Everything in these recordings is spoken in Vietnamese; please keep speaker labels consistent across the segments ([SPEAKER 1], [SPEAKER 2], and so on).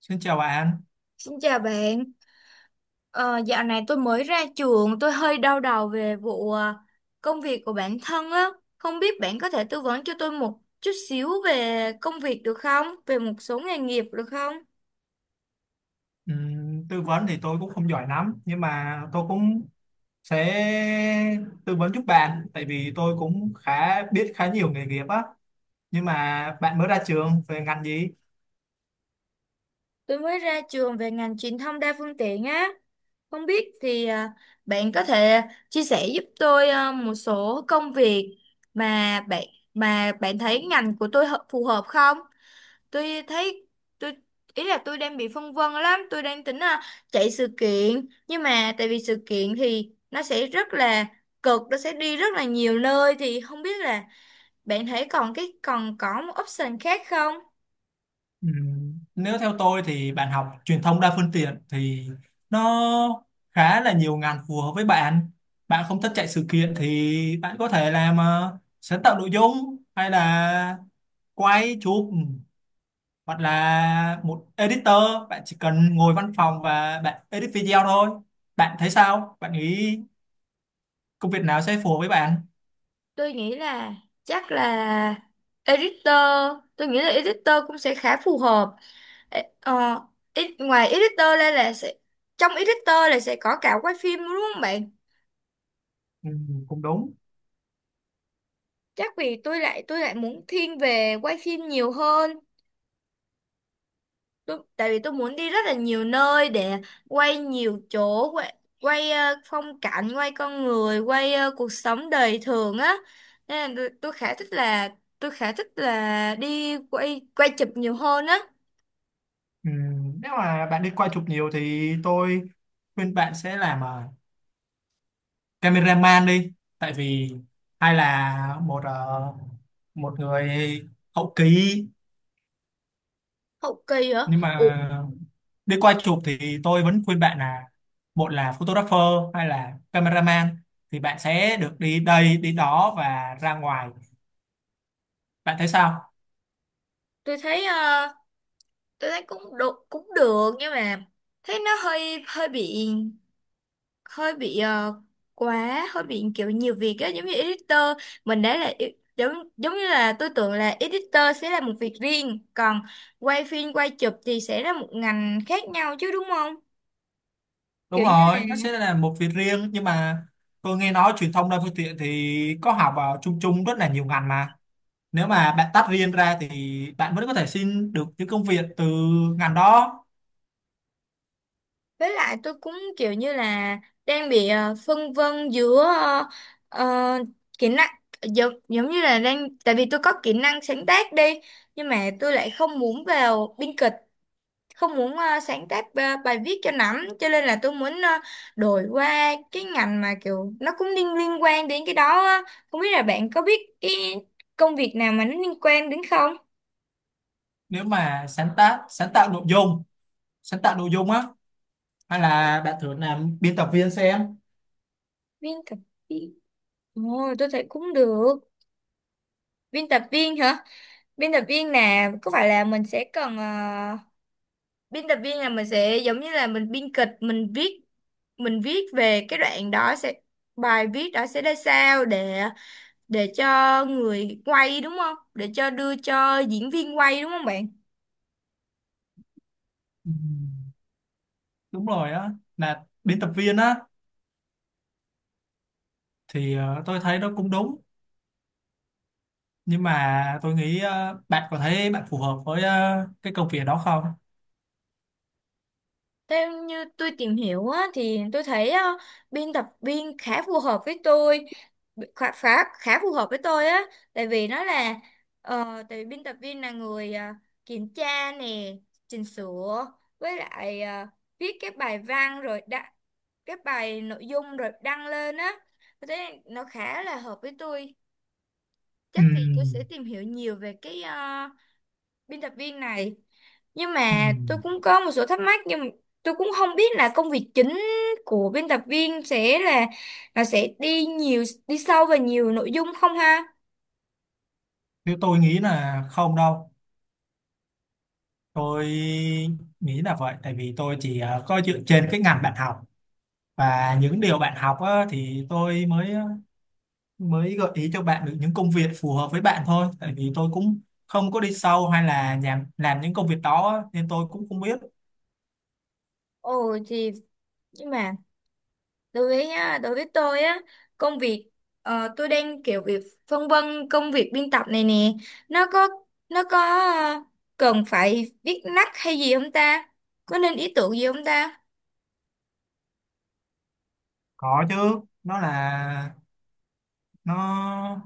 [SPEAKER 1] Xin chào bạn.
[SPEAKER 2] Xin chào bạn. Ờ, Dạo này tôi mới ra trường, tôi hơi đau đầu về vụ công việc của bản thân á. Không biết bạn có thể tư vấn cho tôi một chút xíu về công việc được không? Về một số nghề nghiệp được không?
[SPEAKER 1] Tư vấn thì tôi cũng không giỏi lắm, nhưng mà tôi cũng sẽ tư vấn giúp bạn, tại vì tôi cũng khá biết khá nhiều nghề nghiệp á. Nhưng mà bạn mới ra trường về ngành gì?
[SPEAKER 2] Tôi mới ra trường về ngành truyền thông đa phương tiện á. Không biết thì bạn có thể chia sẻ giúp tôi một số công việc mà bạn mà bạn thấy ngành của tôi phù hợp không? Tôi thấy tôi Ý là tôi đang bị phân vân lắm, tôi đang tính là chạy sự kiện, nhưng mà tại vì sự kiện thì nó sẽ rất là cực, nó sẽ đi rất là nhiều nơi, thì không biết là bạn thấy còn có một option khác không.
[SPEAKER 1] Nếu theo tôi thì bạn học truyền thông đa phương tiện thì nó khá là nhiều ngành phù hợp với bạn. Bạn không thích chạy sự kiện thì bạn có thể làm sáng tạo nội dung, hay là quay chụp, hoặc là một editor. Bạn chỉ cần ngồi văn phòng và bạn edit video thôi. Bạn thấy sao, bạn nghĩ công việc nào sẽ phù hợp với bạn?
[SPEAKER 2] Tôi nghĩ là chắc là editor, tôi nghĩ là editor cũng sẽ khá phù hợp. Ê, ờ, Ngoài editor ra là sẽ có cả quay phim đúng không bạn?
[SPEAKER 1] Ừ, cũng đúng.
[SPEAKER 2] Chắc vì tôi lại muốn thiên về quay phim nhiều hơn. Tại vì tôi muốn đi rất là nhiều nơi để quay nhiều chỗ, quay phong cảnh, quay con người, quay cuộc sống đời thường á. Nên là tôi khá thích là tôi khá thích là đi quay quay chụp nhiều hơn á.
[SPEAKER 1] Ừ, nếu mà bạn đi quay chụp nhiều thì tôi khuyên bạn sẽ làm cameraman đi, tại vì hay là một một người hậu kỳ.
[SPEAKER 2] Hậu kỳ hả?
[SPEAKER 1] Nhưng
[SPEAKER 2] Ủa,
[SPEAKER 1] mà đi quay chụp thì tôi vẫn khuyên bạn là một là photographer hay là cameraman, thì bạn sẽ được đi đây đi đó và ra ngoài. Bạn thấy sao?
[SPEAKER 2] tôi thấy tôi thấy cũng được nhưng mà thấy nó hơi hơi bị hơi bị ờ, quá, hơi bị kiểu nhiều việc á, giống như editor. Mình đã là e- giống Giống như là tôi tưởng là editor sẽ là một việc riêng, còn quay phim quay chụp thì sẽ là một ngành khác nhau chứ đúng không?
[SPEAKER 1] Đúng
[SPEAKER 2] Kiểu như là
[SPEAKER 1] rồi, nó sẽ là một việc riêng, nhưng mà tôi nghe nói truyền thông đa phương tiện thì có học vào chung chung rất là nhiều ngành mà. Nếu mà bạn tách riêng ra thì bạn vẫn có thể xin được những công việc từ ngành đó.
[SPEAKER 2] Với lại tôi cũng kiểu như là đang bị phân vân giữa ờ, kỹ năng. Giống Giống như là đang tại vì tôi có kỹ năng sáng tác đi, nhưng mà tôi lại không muốn vào biên kịch, không muốn sáng tác bài viết cho lắm, cho nên là tôi muốn đổi qua cái ngành mà kiểu nó cũng liên liên quan đến cái đó á. Không biết là bạn có biết cái công việc nào mà nó liên quan đến không?
[SPEAKER 1] Nếu mà sáng tác sáng tạo nội dung, sáng tạo nội dung á, hay là bạn thử làm biên tập viên xem.
[SPEAKER 2] Biên tập viên. Ồ, tôi thấy cũng được. Biên tập viên hả? Biên tập viên là có phải là mình sẽ cần biên tập viên là mình sẽ giống như là mình biên kịch, mình viết về cái đoạn đó sẽ bài viết đó sẽ ra sao để cho người quay đúng không? Để cho đưa cho diễn viên quay đúng không bạn?
[SPEAKER 1] Ừ. Đúng rồi á, là biên tập viên á thì tôi thấy nó cũng đúng, nhưng mà tôi nghĩ bạn có thấy bạn phù hợp với cái công việc đó không?
[SPEAKER 2] Theo như tôi tìm hiểu á, thì tôi thấy biên tập viên khá phù hợp với tôi, khá phù hợp với tôi á, tại vì nó là tại vì biên tập viên là người kiểm tra nè, chỉnh sửa, với lại viết các bài văn rồi đăng, các bài nội dung rồi đăng lên á, thế nó khá là hợp với tôi. Chắc thì tôi sẽ
[SPEAKER 1] Ừm,
[SPEAKER 2] tìm hiểu nhiều về cái biên tập viên này. Nhưng mà tôi
[SPEAKER 1] ừm.
[SPEAKER 2] cũng có một số thắc mắc, nhưng mà tôi cũng không biết là công việc chính của biên tập viên sẽ là sẽ đi nhiều đi sâu vào nhiều nội dung không ha?
[SPEAKER 1] Nếu tôi nghĩ là không đâu, tôi nghĩ là vậy, tại vì tôi chỉ có dựa trên cái ngành bạn học và những điều bạn học á, thì tôi mới mới gợi ý cho bạn được những công việc phù hợp với bạn thôi, tại vì tôi cũng không có đi sâu hay là làm những công việc đó á, nên tôi cũng không biết.
[SPEAKER 2] Ồ thì nhưng mà đối với á, đối với tôi á, công việc tôi đang kiểu việc phân vân công việc biên tập này nè, nó có nó có cần phải viết lách hay gì không ta? Có nên ý tưởng gì không ta?
[SPEAKER 1] Có chứ, nó là nó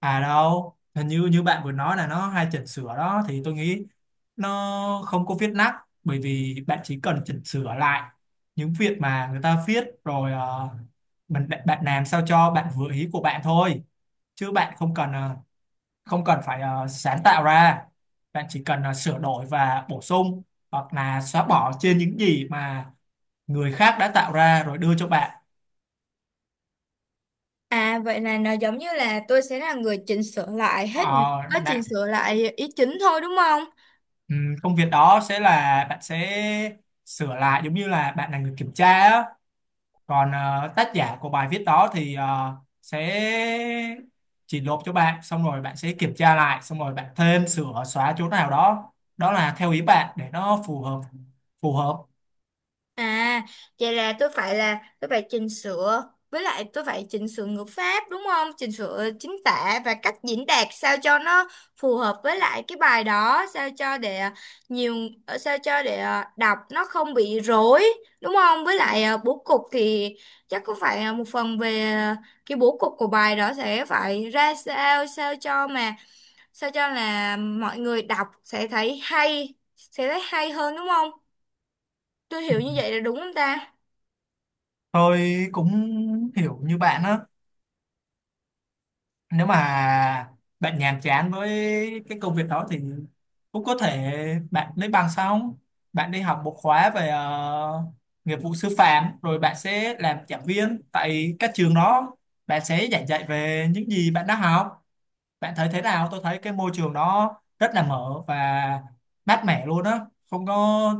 [SPEAKER 1] à đâu, hình như như bạn vừa nói là nó hay chỉnh sửa đó, thì tôi nghĩ nó không có viết nát, bởi vì bạn chỉ cần chỉnh sửa lại những việc mà người ta viết rồi mình bạn, bạn làm sao cho bạn vừa ý của bạn thôi, chứ bạn không cần không cần phải sáng tạo ra. Bạn chỉ cần sửa đổi và bổ sung hoặc là xóa bỏ trên những gì mà người khác đã tạo ra rồi đưa cho bạn.
[SPEAKER 2] À, vậy là nó giống như là tôi sẽ là người chỉnh sửa lại hết những
[SPEAKER 1] Ờ,
[SPEAKER 2] có chỉnh sửa lại ý chính thôi đúng không?
[SPEAKER 1] Công việc đó sẽ là bạn sẽ sửa lại, giống như là bạn là người kiểm tra á. Còn tác giả của bài viết đó thì sẽ chỉ nộp cho bạn, xong rồi bạn sẽ kiểm tra lại, xong rồi bạn thêm sửa xóa chỗ nào đó, đó là theo ý bạn để nó phù hợp, phù hợp.
[SPEAKER 2] À, vậy là tôi phải chỉnh sửa, với lại tôi phải chỉnh sửa ngữ pháp đúng không? Chỉnh sửa chính tả và cách diễn đạt sao cho nó phù hợp với lại cái bài đó, sao cho để nhiều sao cho để đọc nó không bị rối đúng không? Với lại bố cục thì chắc cũng phải một phần về cái bố cục của bài đó sẽ phải ra sao, sao cho mà sao cho là mọi người đọc sẽ thấy hay, sẽ thấy hay hơn đúng không? Tôi hiểu như vậy là đúng không ta?
[SPEAKER 1] Tôi cũng hiểu như bạn á. Nếu mà bạn nhàm chán với cái công việc đó thì cũng có thể bạn lấy bằng xong, bạn đi học một khóa về nghiệp vụ sư phạm, rồi bạn sẽ làm giảng viên tại các trường đó. Bạn sẽ giảng dạy về những gì bạn đã học. Bạn thấy thế nào? Tôi thấy cái môi trường đó rất là mở và mát mẻ luôn á, không có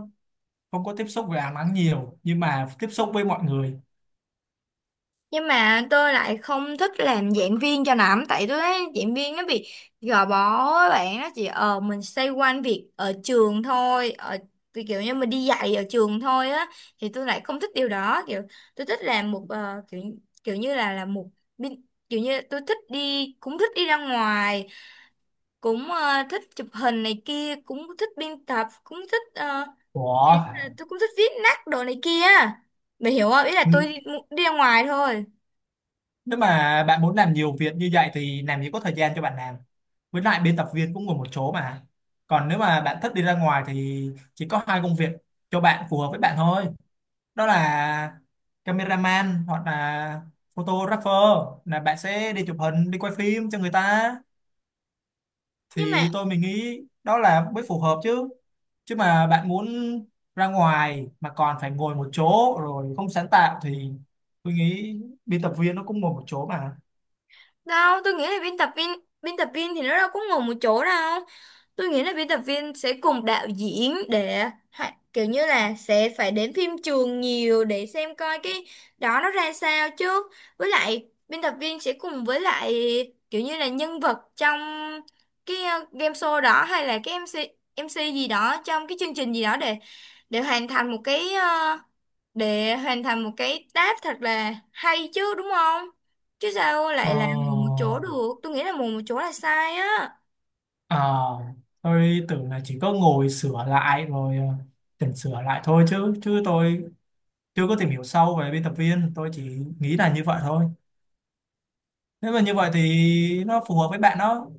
[SPEAKER 1] không có tiếp xúc với ánh nắng nhiều, nhưng mà tiếp xúc với mọi người.
[SPEAKER 2] Nhưng mà tôi lại không thích làm giảng viên cho lắm, tại tôi thấy giảng viên nó bị gò bó á bạn, nó chỉ ờ mình xoay quanh việc ở trường thôi, ở thì kiểu như mình đi dạy ở trường thôi á, thì tôi lại không thích điều đó. Kiểu tôi thích làm một kiểu kiểu như là một bin- kiểu như tôi thích đi, cũng thích đi ra ngoài, cũng thích chụp hình này kia, cũng thích biên tập, cũng thích
[SPEAKER 1] Ủa?
[SPEAKER 2] tôi cũng thích viết nát đồ này kia. Mày hiểu không, ý là tôi đi, đi ra ngoài thôi.
[SPEAKER 1] Nếu mà bạn muốn làm nhiều việc như vậy thì làm gì có thời gian cho bạn làm. Với lại biên tập viên cũng ngồi một chỗ mà. Còn nếu mà bạn thích đi ra ngoài thì chỉ có hai công việc cho bạn phù hợp với bạn thôi. Đó là cameraman hoặc là photographer, là bạn sẽ đi chụp hình, đi quay phim cho người ta.
[SPEAKER 2] Nhưng mà
[SPEAKER 1] Thì tôi mình nghĩ đó là mới phù hợp chứ. Chứ mà bạn muốn ra ngoài mà còn phải ngồi một chỗ rồi không sáng tạo thì tôi nghĩ biên tập viên nó cũng ngồi một chỗ mà.
[SPEAKER 2] đâu, tôi nghĩ là biên tập viên thì nó đâu có ngồi một chỗ đâu. Tôi nghĩ là biên tập viên sẽ cùng đạo diễn để kiểu như là sẽ phải đến phim trường nhiều để xem coi cái đó nó ra sao chứ. Với lại biên tập viên sẽ cùng với lại kiểu như là nhân vật trong cái game show đó, hay là cái MC MC gì đó trong cái chương trình gì đó, để hoàn thành một cái để hoàn thành một cái task thật là hay chứ đúng không? Chứ sao
[SPEAKER 1] Ờ,
[SPEAKER 2] lại là ngồi một chỗ được? Tôi nghĩ là ngồi một chỗ là sai á.
[SPEAKER 1] ờ, tôi tưởng là chỉ có ngồi sửa lại rồi chỉnh sửa lại thôi, chứ chứ tôi chưa có tìm hiểu sâu về biên tập viên, tôi chỉ nghĩ là như vậy thôi. Nếu mà như vậy thì nó phù hợp với bạn đó.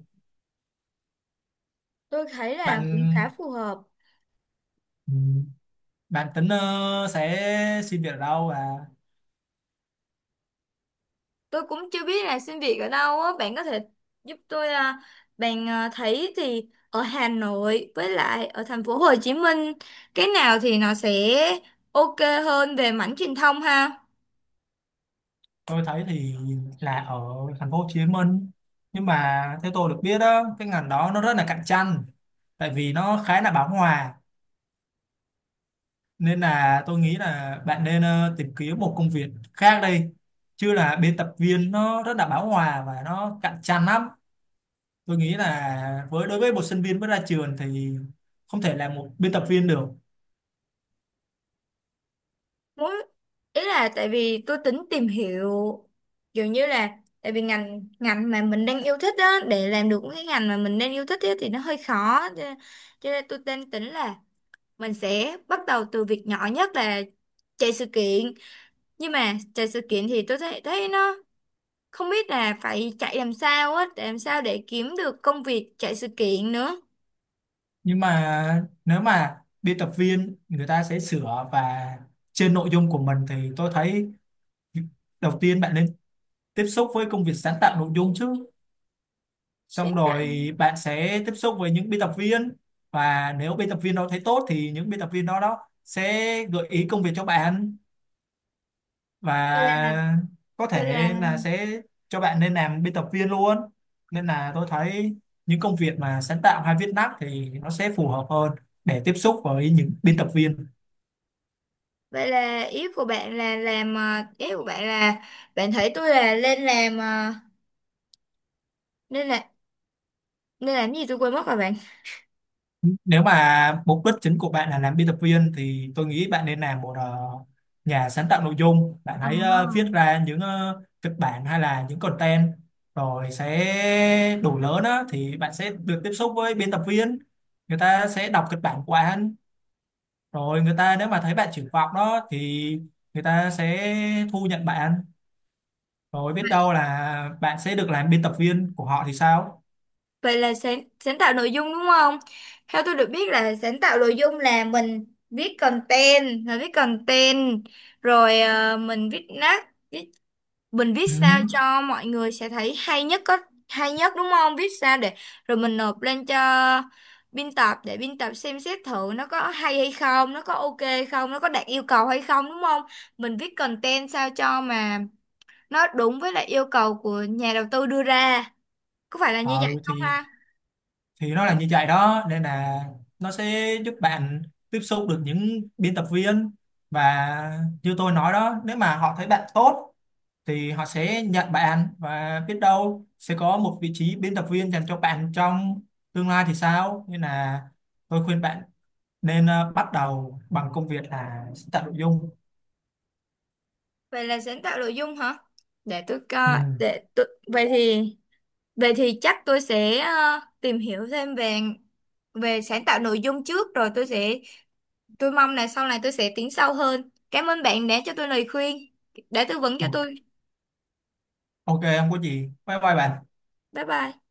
[SPEAKER 2] Tôi thấy là cũng khá
[SPEAKER 1] Bạn,
[SPEAKER 2] phù hợp.
[SPEAKER 1] ừ, bạn tính sẽ xin việc ở đâu và
[SPEAKER 2] Tôi cũng chưa biết là xin việc ở đâu á. Bạn có thể giúp tôi à, bạn à, thấy thì ở Hà Nội với lại ở thành phố Hồ Chí Minh cái nào thì nó sẽ ok hơn về mảng truyền thông ha?
[SPEAKER 1] tôi thấy thì là ở thành phố Hồ Chí Minh. Nhưng mà theo tôi được biết đó, cái ngành đó nó rất là cạnh tranh, tại vì nó khá là bão hòa, nên là tôi nghĩ là bạn nên tìm kiếm một công việc khác đây, chứ là biên tập viên nó rất là bão hòa và nó cạnh tranh lắm. Tôi nghĩ là với đối với một sinh viên mới ra trường thì không thể làm một biên tập viên được.
[SPEAKER 2] Muốn ý là tại vì tôi tính tìm hiểu kiểu như là tại vì ngành ngành mà mình đang yêu thích á, để làm được cái ngành mà mình đang yêu thích á, thì nó hơi khó cho nên tôi đang tính là mình sẽ bắt đầu từ việc nhỏ nhất là chạy sự kiện. Nhưng mà chạy sự kiện thì tôi thấy thấy nó không biết là phải chạy làm sao á, để làm sao để kiếm được công việc chạy sự kiện nữa.
[SPEAKER 1] Nhưng mà nếu mà biên tập viên người ta sẽ sửa và trên nội dung của mình thì tôi thấy đầu tiên bạn nên tiếp xúc với công việc sáng tạo nội dung chứ, xong
[SPEAKER 2] Sáng tạo
[SPEAKER 1] rồi bạn sẽ tiếp xúc với những biên tập viên. Và nếu biên tập viên đó thấy tốt thì những biên tập viên đó đó sẽ gợi ý công việc cho bạn, và có
[SPEAKER 2] vậy
[SPEAKER 1] thể
[SPEAKER 2] là
[SPEAKER 1] là sẽ cho bạn nên làm biên tập viên luôn. Nên là tôi thấy những công việc mà sáng tạo hay viết lách thì nó sẽ phù hợp hơn để tiếp xúc với những biên tập viên.
[SPEAKER 2] vậy là ý của bạn là làm ý của bạn là bạn thấy tôi là lên làm nên là nên làm cái gì tôi quên mất rồi bạn.
[SPEAKER 1] Nếu mà mục đích chính của bạn là làm biên tập viên thì tôi nghĩ bạn nên làm một nhà sáng tạo nội dung. Bạn
[SPEAKER 2] Ờ.
[SPEAKER 1] hãy viết ra những kịch bản hay là những content, rồi sẽ đủ lớn á thì bạn sẽ được tiếp xúc với biên tập viên. Người ta sẽ đọc kịch bản của anh, rồi người ta nếu mà thấy bạn triển vọng đó thì người ta sẽ thu nhận bạn, rồi biết đâu là bạn sẽ được làm biên tập viên của họ thì sao?
[SPEAKER 2] Vậy là sáng tạo nội dung đúng không? Theo tôi được biết là sáng tạo nội dung là mình viết content, là viết content, rồi mình viết nát, mình viết
[SPEAKER 1] Ừ.
[SPEAKER 2] sao cho mọi người sẽ thấy hay nhất hay nhất đúng không? Viết sao để rồi mình nộp lên cho biên tập để biên tập xem xét thử nó có hay hay không, nó có ok hay không, nó có đạt yêu cầu hay không đúng không? Mình viết content sao cho mà nó đúng với lại yêu cầu của nhà đầu tư đưa ra. Có phải là như
[SPEAKER 1] Ờ,
[SPEAKER 2] vậy không
[SPEAKER 1] thì
[SPEAKER 2] ha?
[SPEAKER 1] thì nó là như vậy đó, nên là nó sẽ giúp bạn tiếp xúc được những biên tập viên. Và như tôi nói đó, nếu mà họ thấy bạn tốt thì họ sẽ nhận bạn, và biết đâu sẽ có một vị trí biên tập viên dành cho bạn trong tương lai thì sao. Nên là tôi khuyên bạn nên bắt đầu bằng công việc là sáng tạo nội dung.
[SPEAKER 2] Vậy là sáng tạo nội dung hả? Để tôi
[SPEAKER 1] Ừ.
[SPEAKER 2] coi, để tôi... Vậy thì chắc tôi sẽ tìm hiểu thêm về về sáng tạo nội dung trước, rồi tôi mong là sau này tôi sẽ tiến sâu hơn. Cảm ơn bạn đã cho tôi lời khuyên, đã tư vấn cho tôi.
[SPEAKER 1] Ok, không có gì, bye bye bạn.
[SPEAKER 2] Bye bye.